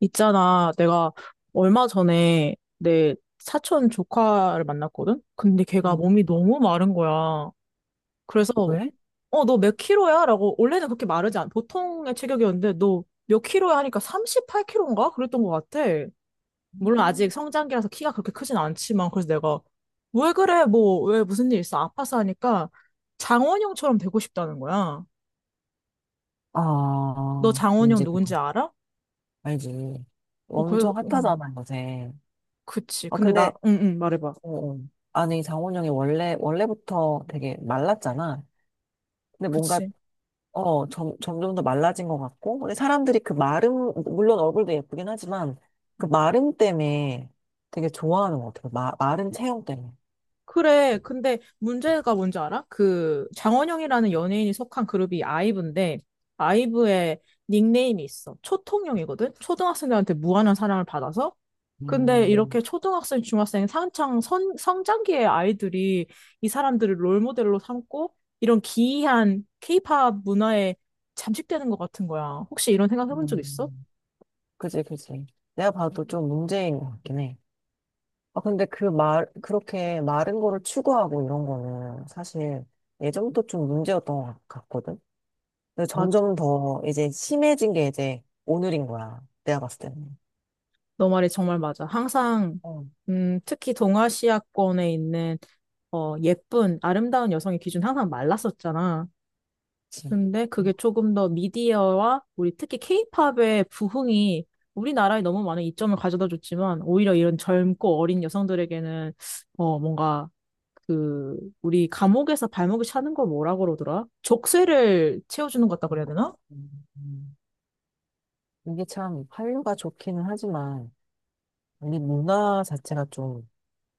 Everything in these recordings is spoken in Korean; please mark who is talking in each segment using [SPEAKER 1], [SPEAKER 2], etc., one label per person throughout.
[SPEAKER 1] 있잖아, 내가 얼마 전에 내 사촌 조카를 만났거든? 근데 걔가
[SPEAKER 2] 음.
[SPEAKER 1] 몸이 너무 마른 거야. 그래서,
[SPEAKER 2] 왜?
[SPEAKER 1] 너 몇 킬로야? 라고, 원래는 그렇게 보통의 체격이었는데, 너 몇 킬로야? 하니까 38킬로인가? 그랬던 것 같아. 물론 아직
[SPEAKER 2] 음.
[SPEAKER 1] 성장기라서 키가 그렇게 크진 않지만, 그래서 내가, 왜 그래? 뭐, 왜 무슨 일 있어? 아파서 하니까, 장원영처럼 되고 싶다는 거야. 너
[SPEAKER 2] 아,
[SPEAKER 1] 장원영
[SPEAKER 2] 뭔지
[SPEAKER 1] 누군지
[SPEAKER 2] 그거.
[SPEAKER 1] 알아?
[SPEAKER 2] 알지.
[SPEAKER 1] 그래서,
[SPEAKER 2] 엄청 핫하잖아, 요새.
[SPEAKER 1] 그치.
[SPEAKER 2] 아,
[SPEAKER 1] 근데 나,
[SPEAKER 2] 근데,
[SPEAKER 1] 응, 응, 말해봐.
[SPEAKER 2] 어, 어. 아니, 장원영이 원래부터 되게 말랐잖아. 근데 뭔가,
[SPEAKER 1] 그치.
[SPEAKER 2] 점점 더 말라진 것 같고. 근데 사람들이 그 마름, 물론 얼굴도 예쁘긴 하지만, 그 마름 때문에 되게 좋아하는 것 같아. 마른 체형 때문에.
[SPEAKER 1] 그래. 근데 문제가 뭔지 알아? 그 장원영이라는 연예인이 속한 그룹이 아이브인데 아이브의 닉네임이 있어. 초통령이거든. 초등학생들한테 무한한 사랑을 받아서. 근데 이렇게
[SPEAKER 2] 음,
[SPEAKER 1] 초등학생, 중학생, 성장기의 아이들이 이 사람들을 롤모델로 삼고 이런 기이한 케이팝 문화에 잠식되는 것 같은 거야. 혹시 이런 생각 해본 적 있어?
[SPEAKER 2] 음. 그지, 그지. 내가 봐도 좀 문제인 것 같긴 해. 아, 근데 그렇게 마른 거를 추구하고 이런 거는 사실 예전부터 좀 문제였던 것 같거든? 근데
[SPEAKER 1] 맞,
[SPEAKER 2] 점점 더 이제 심해진 게 이제 오늘인 거야. 내가 봤을 때는.
[SPEAKER 1] 너 말이 정말 맞아. 항상
[SPEAKER 2] 어,
[SPEAKER 1] 특히 동아시아권에 있는 예쁜, 아름다운 여성의 기준 항상 말랐었잖아.
[SPEAKER 2] 그치.
[SPEAKER 1] 근데
[SPEAKER 2] 음,
[SPEAKER 1] 그게 조금 더 미디어와 우리 특히 케이팝의 부흥이 우리나라에 너무 많은 이점을 가져다 줬지만 오히려 이런 젊고 어린 여성들에게는 뭔가 그 우리 감옥에서 발목이 차는 걸 뭐라 그러더라? 족쇄를 채워주는 것 같다 그래야
[SPEAKER 2] 음,
[SPEAKER 1] 되나?
[SPEAKER 2] 음, 음. 이게 참 한류가 좋기는 하지만 우리 문화 자체가 좀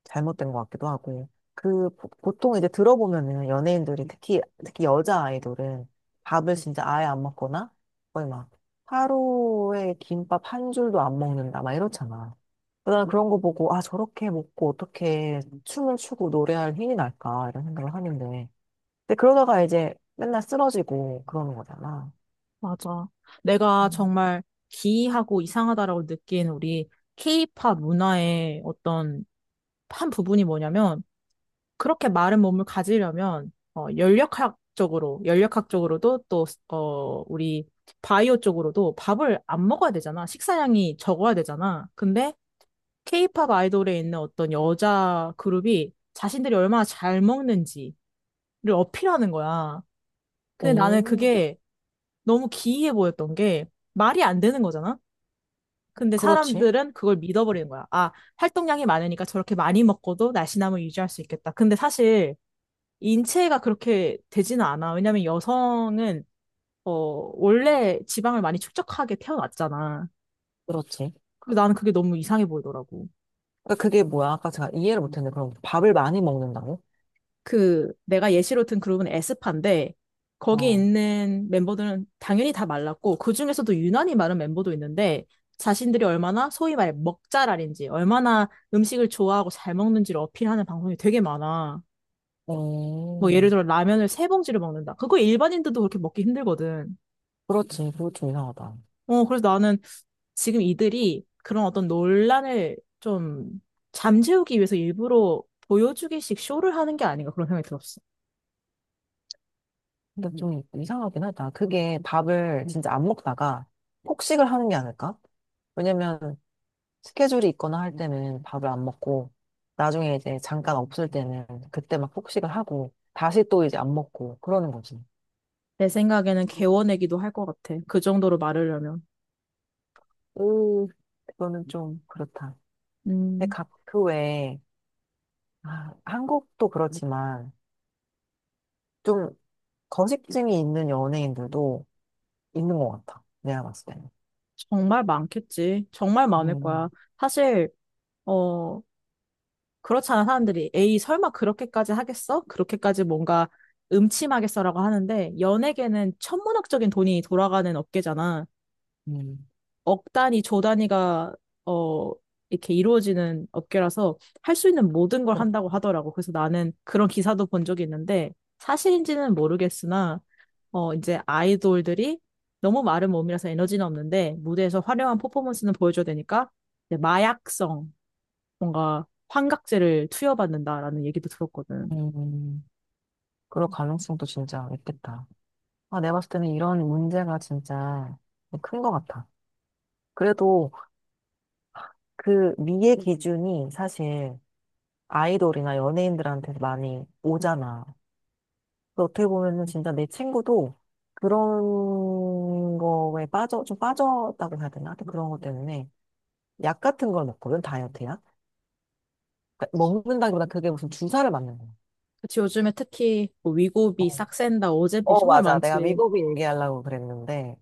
[SPEAKER 2] 잘못된 것 같기도 하고. 그, 보통 이제 들어보면은 연예인들이 특히, 특히 여자 아이돌은 밥을 진짜 아예 안 먹거나 거의 막 하루에 김밥 한 줄도 안 먹는다, 막 이렇잖아. 나 그런 거 보고, 아, 저렇게 먹고 어떻게 춤을 추고 노래할 힘이 날까, 이런 생각을 하는데. 근데 그러다가 이제 맨날 쓰러지고 그러는 거잖아.
[SPEAKER 1] 맞아. 내가
[SPEAKER 2] 음.
[SPEAKER 1] 정말 기이하고 이상하다라고 느낀 우리 케이팝 문화의 어떤 한 부분이 뭐냐면 그렇게 마른 몸을 가지려면 연력학적으로도 또 우리 바이오 쪽으로도 밥을 안 먹어야 되잖아. 식사량이 적어야 되잖아. 근데 케이팝 아이돌에 있는 어떤 여자 그룹이 자신들이 얼마나 잘 먹는지를 어필하는 거야. 근데 나는
[SPEAKER 2] 오,
[SPEAKER 1] 그게 너무 기이해 보였던 게 말이 안 되는 거잖아. 근데
[SPEAKER 2] 그렇지.
[SPEAKER 1] 사람들은 그걸 믿어버리는 거야. 아, 활동량이 많으니까 저렇게 많이 먹고도 날씬함을 유지할 수 있겠다. 근데 사실 인체가 그렇게 되지는 않아. 왜냐면 여성은 어, 원래 지방을 많이 축적하게 태어났잖아.
[SPEAKER 2] 그렇지.
[SPEAKER 1] 그리고 나는 그게 너무 이상해 보이더라고.
[SPEAKER 2] 그러니까 그게 뭐야? 아까 제가 이해를 못했는데, 그럼 밥을 많이 먹는다고?
[SPEAKER 1] 그 내가 예시로 든 그룹은 에스파인데 거기
[SPEAKER 2] 아.
[SPEAKER 1] 있는 멤버들은 당연히 다 말랐고 그중에서도 유난히 마른 멤버도 있는데 자신들이 얼마나 소위 말해 먹잘알인지 얼마나 음식을 좋아하고 잘 먹는지를 어필하는 방송이 되게 많아. 뭐 예를
[SPEAKER 2] 어,
[SPEAKER 1] 들어 라면을 세 봉지를 먹는다. 그거 일반인들도 그렇게 먹기 힘들거든.
[SPEAKER 2] 그렇지. 그거 좀 이상하다.
[SPEAKER 1] 그래서 나는 지금 이들이 그런 어떤 논란을 좀 잠재우기 위해서 일부러 보여주기식 쇼를 하는 게 아닌가 그런 생각이 들었어.
[SPEAKER 2] 근데 좀 이상하긴 하다. 그게 밥을 진짜 안 먹다가 폭식을 하는 게 아닐까? 왜냐면 스케줄이 있거나 할 때는 밥을 안 먹고 나중에 이제 잠깐 없을 때는 그때 막 폭식을 하고 다시 또 이제 안 먹고 그러는 거지.
[SPEAKER 1] 내 생각에는 개워내기도 할 것 같아. 그 정도로 말하려면.
[SPEAKER 2] 오, 그거는 좀 그렇다. 근데
[SPEAKER 1] 음,
[SPEAKER 2] 각 그 외에 아, 한국도 그렇지만 좀 거식증이 있는 연예인들도 있는 것 같아. 내가 봤을 때는.
[SPEAKER 1] 정말 많겠지. 정말 많을 거야.
[SPEAKER 2] 음,
[SPEAKER 1] 사실, 어, 그렇잖아. 사람들이. 에이, 설마 그렇게까지 하겠어? 그렇게까지 뭔가 음침하겠어라고 하는데, 연예계는 천문학적인 돈이 돌아가는 업계잖아.
[SPEAKER 2] 음.
[SPEAKER 1] 억 단위, 조 단위가 어 이렇게 이루어지는 업계라서 할 수 있는 모든 걸 한다고 하더라고. 그래서 나는 그런 기사도 본 적이 있는데 사실인지는 모르겠으나 이제 아이돌들이 너무 마른 몸이라서 에너지는 없는데 무대에서 화려한 퍼포먼스는 보여줘야 되니까 이제 마약성 뭔가 환각제를 투여받는다라는 얘기도 들었거든.
[SPEAKER 2] 음, 그럴 가능성도 진짜 있겠다. 아, 내가 봤을 때는 이런 문제가 진짜 큰 것 같아. 그래도 그 미의 기준이 사실 아이돌이나 연예인들한테 많이 오잖아. 근데 어떻게 보면은 진짜 내 친구도 그런 거에 좀 빠졌다고 해야 되나? 하여튼 그런 것 때문에 약 같은 걸 먹거든, 다이어트야. 그러니까 먹는다기보다 그게 무슨 주사를 맞는 거야.
[SPEAKER 1] 그치, 요즘에 특히 뭐 위고비,
[SPEAKER 2] 어,
[SPEAKER 1] 싹센다, 오젬필
[SPEAKER 2] 어,
[SPEAKER 1] 정말
[SPEAKER 2] 맞아. 내가
[SPEAKER 1] 많지.
[SPEAKER 2] 미국이 얘기하려고 그랬는데.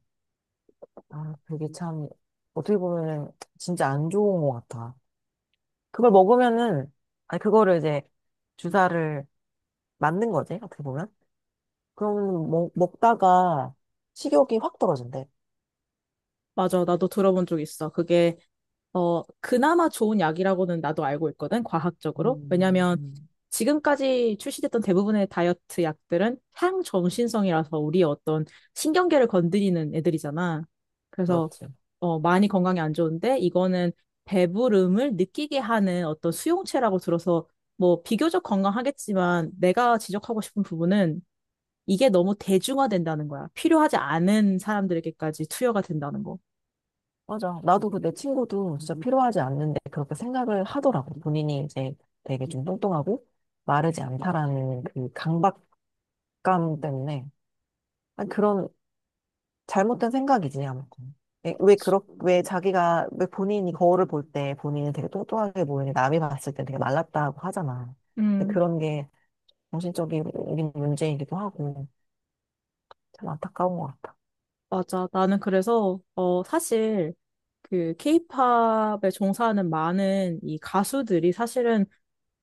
[SPEAKER 2] 아, 그게 참, 어떻게 보면은 진짜 안 좋은 것 같아. 그걸 먹으면은, 아니, 그거를 이제 주사를 맞는 거지, 어떻게 보면. 그러면 먹다가 식욕이 확 떨어진대.
[SPEAKER 1] 맞아, 나도 들어본 적 있어. 그게 그나마 좋은 약이라고는 나도 알고 있거든, 과학적으로.
[SPEAKER 2] 음,
[SPEAKER 1] 왜냐면
[SPEAKER 2] 음.
[SPEAKER 1] 지금까지 출시됐던 대부분의 다이어트 약들은 향정신성이라서 우리의 어떤 신경계를 건드리는 애들이잖아. 그래서
[SPEAKER 2] 그렇지.
[SPEAKER 1] 많이 건강에 안 좋은데 이거는 배부름을 느끼게 하는 어떤 수용체라고 들어서 뭐 비교적 건강하겠지만 내가 지적하고 싶은 부분은 이게 너무 대중화된다는 거야. 필요하지 않은 사람들에게까지 투여가 된다는 거.
[SPEAKER 2] 맞아. 나도 그 내 친구도 진짜 필요하지 않는데 그렇게 생각을 하더라고. 본인이 이제 되게 좀 뚱뚱하고 마르지 않다라는 그 강박감 때문에. 아니, 그런 잘못된 생각이지, 아무튼. 왜, 왜, 그렇, 왜 자기가, 왜 본인이 거울을 볼 때 본인은 되게 뚱뚱하게 보이는데 남이 봤을 때 되게 말랐다고 하잖아. 근데
[SPEAKER 1] 음.
[SPEAKER 2] 그런 게 정신적인 문제이기도 하고 참 안타까운 것 같아.
[SPEAKER 1] 맞아. 나는 그래서, 사실, 그, 케이팝에 종사하는 많은 이 가수들이 사실은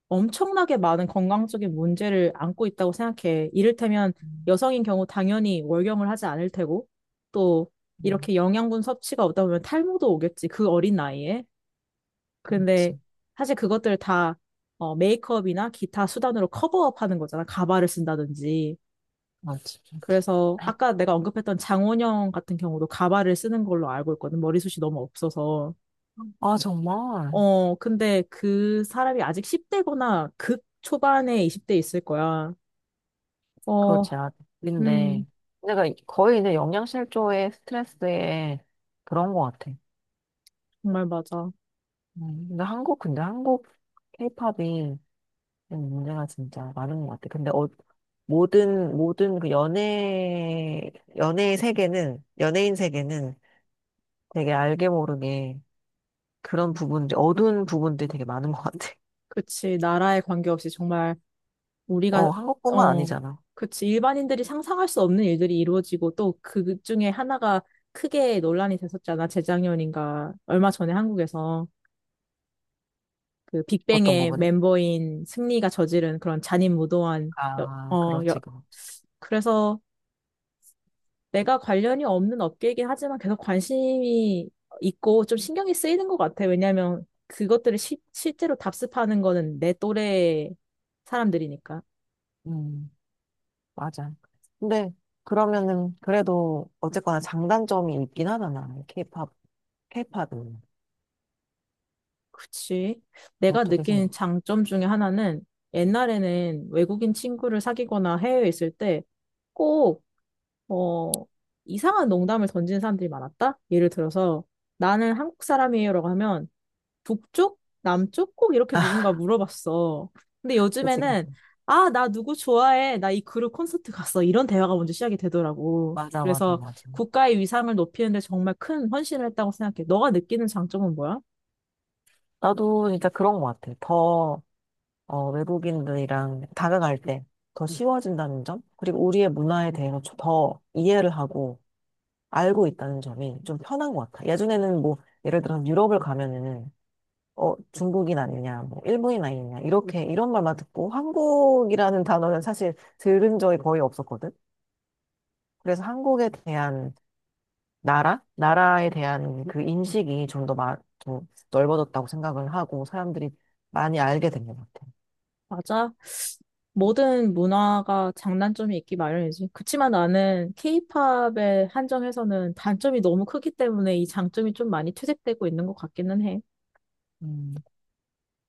[SPEAKER 1] 엄청나게 많은 건강적인 문제를 안고 있다고 생각해. 이를테면
[SPEAKER 2] 음,
[SPEAKER 1] 여성인 경우 당연히 월경을 하지 않을 테고, 또
[SPEAKER 2] 음,
[SPEAKER 1] 이렇게 영양분 섭취가 없다 보면 탈모도 오겠지. 그 어린 나이에. 근데
[SPEAKER 2] 그렇지.
[SPEAKER 1] 사실 그것들 다, 메이크업이나 기타 수단으로 커버업 하는 거잖아. 가발을 쓴다든지.
[SPEAKER 2] 맞지, 맞지.
[SPEAKER 1] 그래서 아까 내가 언급했던 장원영 같은 경우도 가발을 쓰는 걸로 알고 있거든. 머리숱이 너무 없어서.
[SPEAKER 2] 아, 정말.
[SPEAKER 1] 근데 그 사람이 아직 10대거나 극 초반에 20대 있을 거야. 어,
[SPEAKER 2] 그렇지. 아,
[SPEAKER 1] 음,
[SPEAKER 2] 근데 내가 거의 이제 영양실조에 스트레스에 그런 것 같아.
[SPEAKER 1] 정말 맞아.
[SPEAKER 2] 근데 한국 케이팝이 문제가 진짜 많은 것 같아. 근데 모든 그 연예인 세계는 되게 알게 모르게 그런 부분들, 어두운 부분들이 되게 많은 것 같아.
[SPEAKER 1] 그치. 나라에 관계없이 정말
[SPEAKER 2] 어,
[SPEAKER 1] 우리가,
[SPEAKER 2] 한국뿐만
[SPEAKER 1] 어,
[SPEAKER 2] 아니잖아.
[SPEAKER 1] 그치. 일반인들이 상상할 수 없는 일들이 이루어지고 또 그 중에 하나가 크게 논란이 됐었잖아. 재작년인가. 얼마 전에 한국에서. 그
[SPEAKER 2] 어떤
[SPEAKER 1] 빅뱅의
[SPEAKER 2] 부분이?
[SPEAKER 1] 멤버인 승리가 저지른 그런 잔인무도한 여,
[SPEAKER 2] 아,
[SPEAKER 1] 어, 여,
[SPEAKER 2] 그렇지, 그렇지.
[SPEAKER 1] 그래서 내가 관련이 없는 업계이긴 하지만 계속 관심이 있고 좀 신경이 쓰이는 것 같아. 왜냐하면 그것들을 실제로 답습하는 거는 내 또래 사람들이니까.
[SPEAKER 2] 음, 맞아. 근데 그러면은 그래도 어쨌거나 장단점이 있긴 하잖아. 케이팝은
[SPEAKER 1] 그치. 내가
[SPEAKER 2] 어떻게
[SPEAKER 1] 느낀
[SPEAKER 2] 생각해?
[SPEAKER 1] 장점 중에 하나는 옛날에는 외국인 친구를 사귀거나 해외에 있을 때꼭 어, 이상한 농담을 던지는 사람들이 많았다? 예를 들어서, 나는 한국 사람이에요라고 하면, 북쪽? 남쪽? 꼭 이렇게 누군가 물어봤어. 근데
[SPEAKER 2] 그치?
[SPEAKER 1] 요즘에는, 아, 나 누구 좋아해. 나 이 그룹 콘서트 갔어. 이런 대화가 먼저 시작이 되더라고.
[SPEAKER 2] 맞아, 맞아,
[SPEAKER 1] 그래서
[SPEAKER 2] 맞아.
[SPEAKER 1] 국가의 위상을 높이는데 정말 큰 헌신을 했다고 생각해. 너가 느끼는 장점은 뭐야?
[SPEAKER 2] 나도 진짜 그런 것 같아. 외국인들이랑 다가갈 때 더 쉬워진다는 점, 그리고 우리의 문화에 대해서 좀더 이해를 하고 알고 있다는 점이 좀 편한 것 같아. 예전에는 뭐, 예를 들어서 유럽을 가면은, 중국인 아니냐, 뭐, 일본인 아니냐, 이런 말만 듣고 한국이라는 단어는 사실 들은 적이 거의 없었거든. 그래서 한국에 대한 나라? 나라에 대한 그 인식이 좀 더 좀 넓어졌다고 생각을 하고 사람들이 많이 알게 된 것 같아.
[SPEAKER 1] 맞아. 모든 문화가 장단점이 있기 마련이지. 그치만 나는 케이팝에 한정해서는 단점이 너무 크기 때문에 이 장점이 좀 많이 퇴색되고 있는 것 같기는 해.
[SPEAKER 2] 음,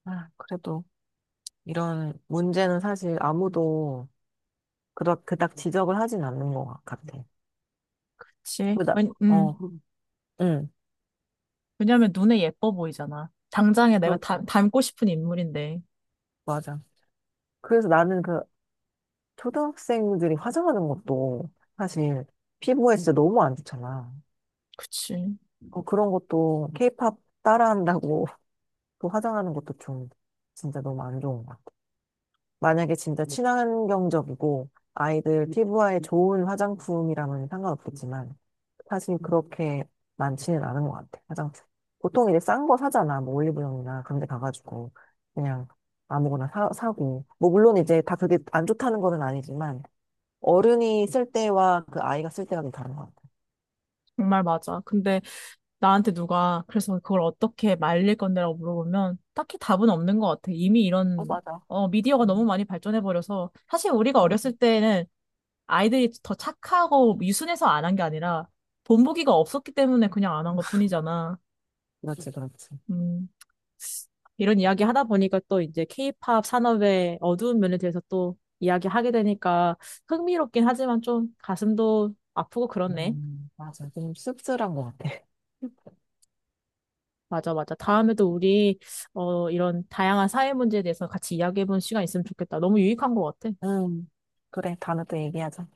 [SPEAKER 2] 아, 그래도. 이런 문제는 사실 아무도 그닥 지적을 하진 않는 것 같아.
[SPEAKER 1] 그치?
[SPEAKER 2] 그다,
[SPEAKER 1] 왜,
[SPEAKER 2] 어, 응,
[SPEAKER 1] 왜냐면 눈에 예뻐 보이잖아. 당장에
[SPEAKER 2] 그,
[SPEAKER 1] 내가 닮고 싶은 인물인데.
[SPEAKER 2] 맞아. 그래서 나는 그 초등학생들이 화장하는 것도 사실 피부에 진짜 너무 안 좋잖아.
[SPEAKER 1] 그치.
[SPEAKER 2] 어, 그런 것도 케이팝 따라한다고 또 화장하는 것도 좀 진짜 너무 안 좋은 것 같아. 만약에 진짜 친환경적이고 아이들 피부에 좋은 화장품이라면 상관없겠지만 사실 그렇게 많지는 않은 것 같아, 화장품. 보통 이제 싼 거 사잖아, 뭐 올리브영이나 그런 데 가가지고. 그냥 아무거나 사고. 뭐 물론 이제 다 그게 안 좋다는 거는 아니지만, 어른이 쓸 때와 그 아이가 쓸 때가 좀 다른 것 같아.
[SPEAKER 1] 정말 맞아. 근데 나한테 누가 그래서 그걸 어떻게 말릴 건데라고 물어보면 딱히 답은 없는 것 같아. 이미
[SPEAKER 2] 어,
[SPEAKER 1] 이런
[SPEAKER 2] 맞아.
[SPEAKER 1] 미디어가 너무
[SPEAKER 2] 음,
[SPEAKER 1] 많이 발전해버려서 사실 우리가
[SPEAKER 2] 음.
[SPEAKER 1] 어렸을 때는 아이들이 더 착하고 유순해서 안 한 게 아니라 본보기가 없었기 때문에 그냥 안 한 것뿐이잖아.
[SPEAKER 2] 그렇지, 그렇지.
[SPEAKER 1] 음, 이런 이야기 하다 보니까 또 이제 케이팝 산업의 어두운 면에 대해서 또 이야기하게 되니까 흥미롭긴 하지만 좀 가슴도 아프고 그렇네.
[SPEAKER 2] 맞아. 좀 씁쓸한 것 같아.
[SPEAKER 1] 맞아, 맞아. 다음에도 우리 이런 다양한 사회 문제에 대해서 같이 이야기해보는 시간 있으면 좋겠다. 너무 유익한 것 같아.
[SPEAKER 2] 음, 그래. 다음에 또 얘기하자.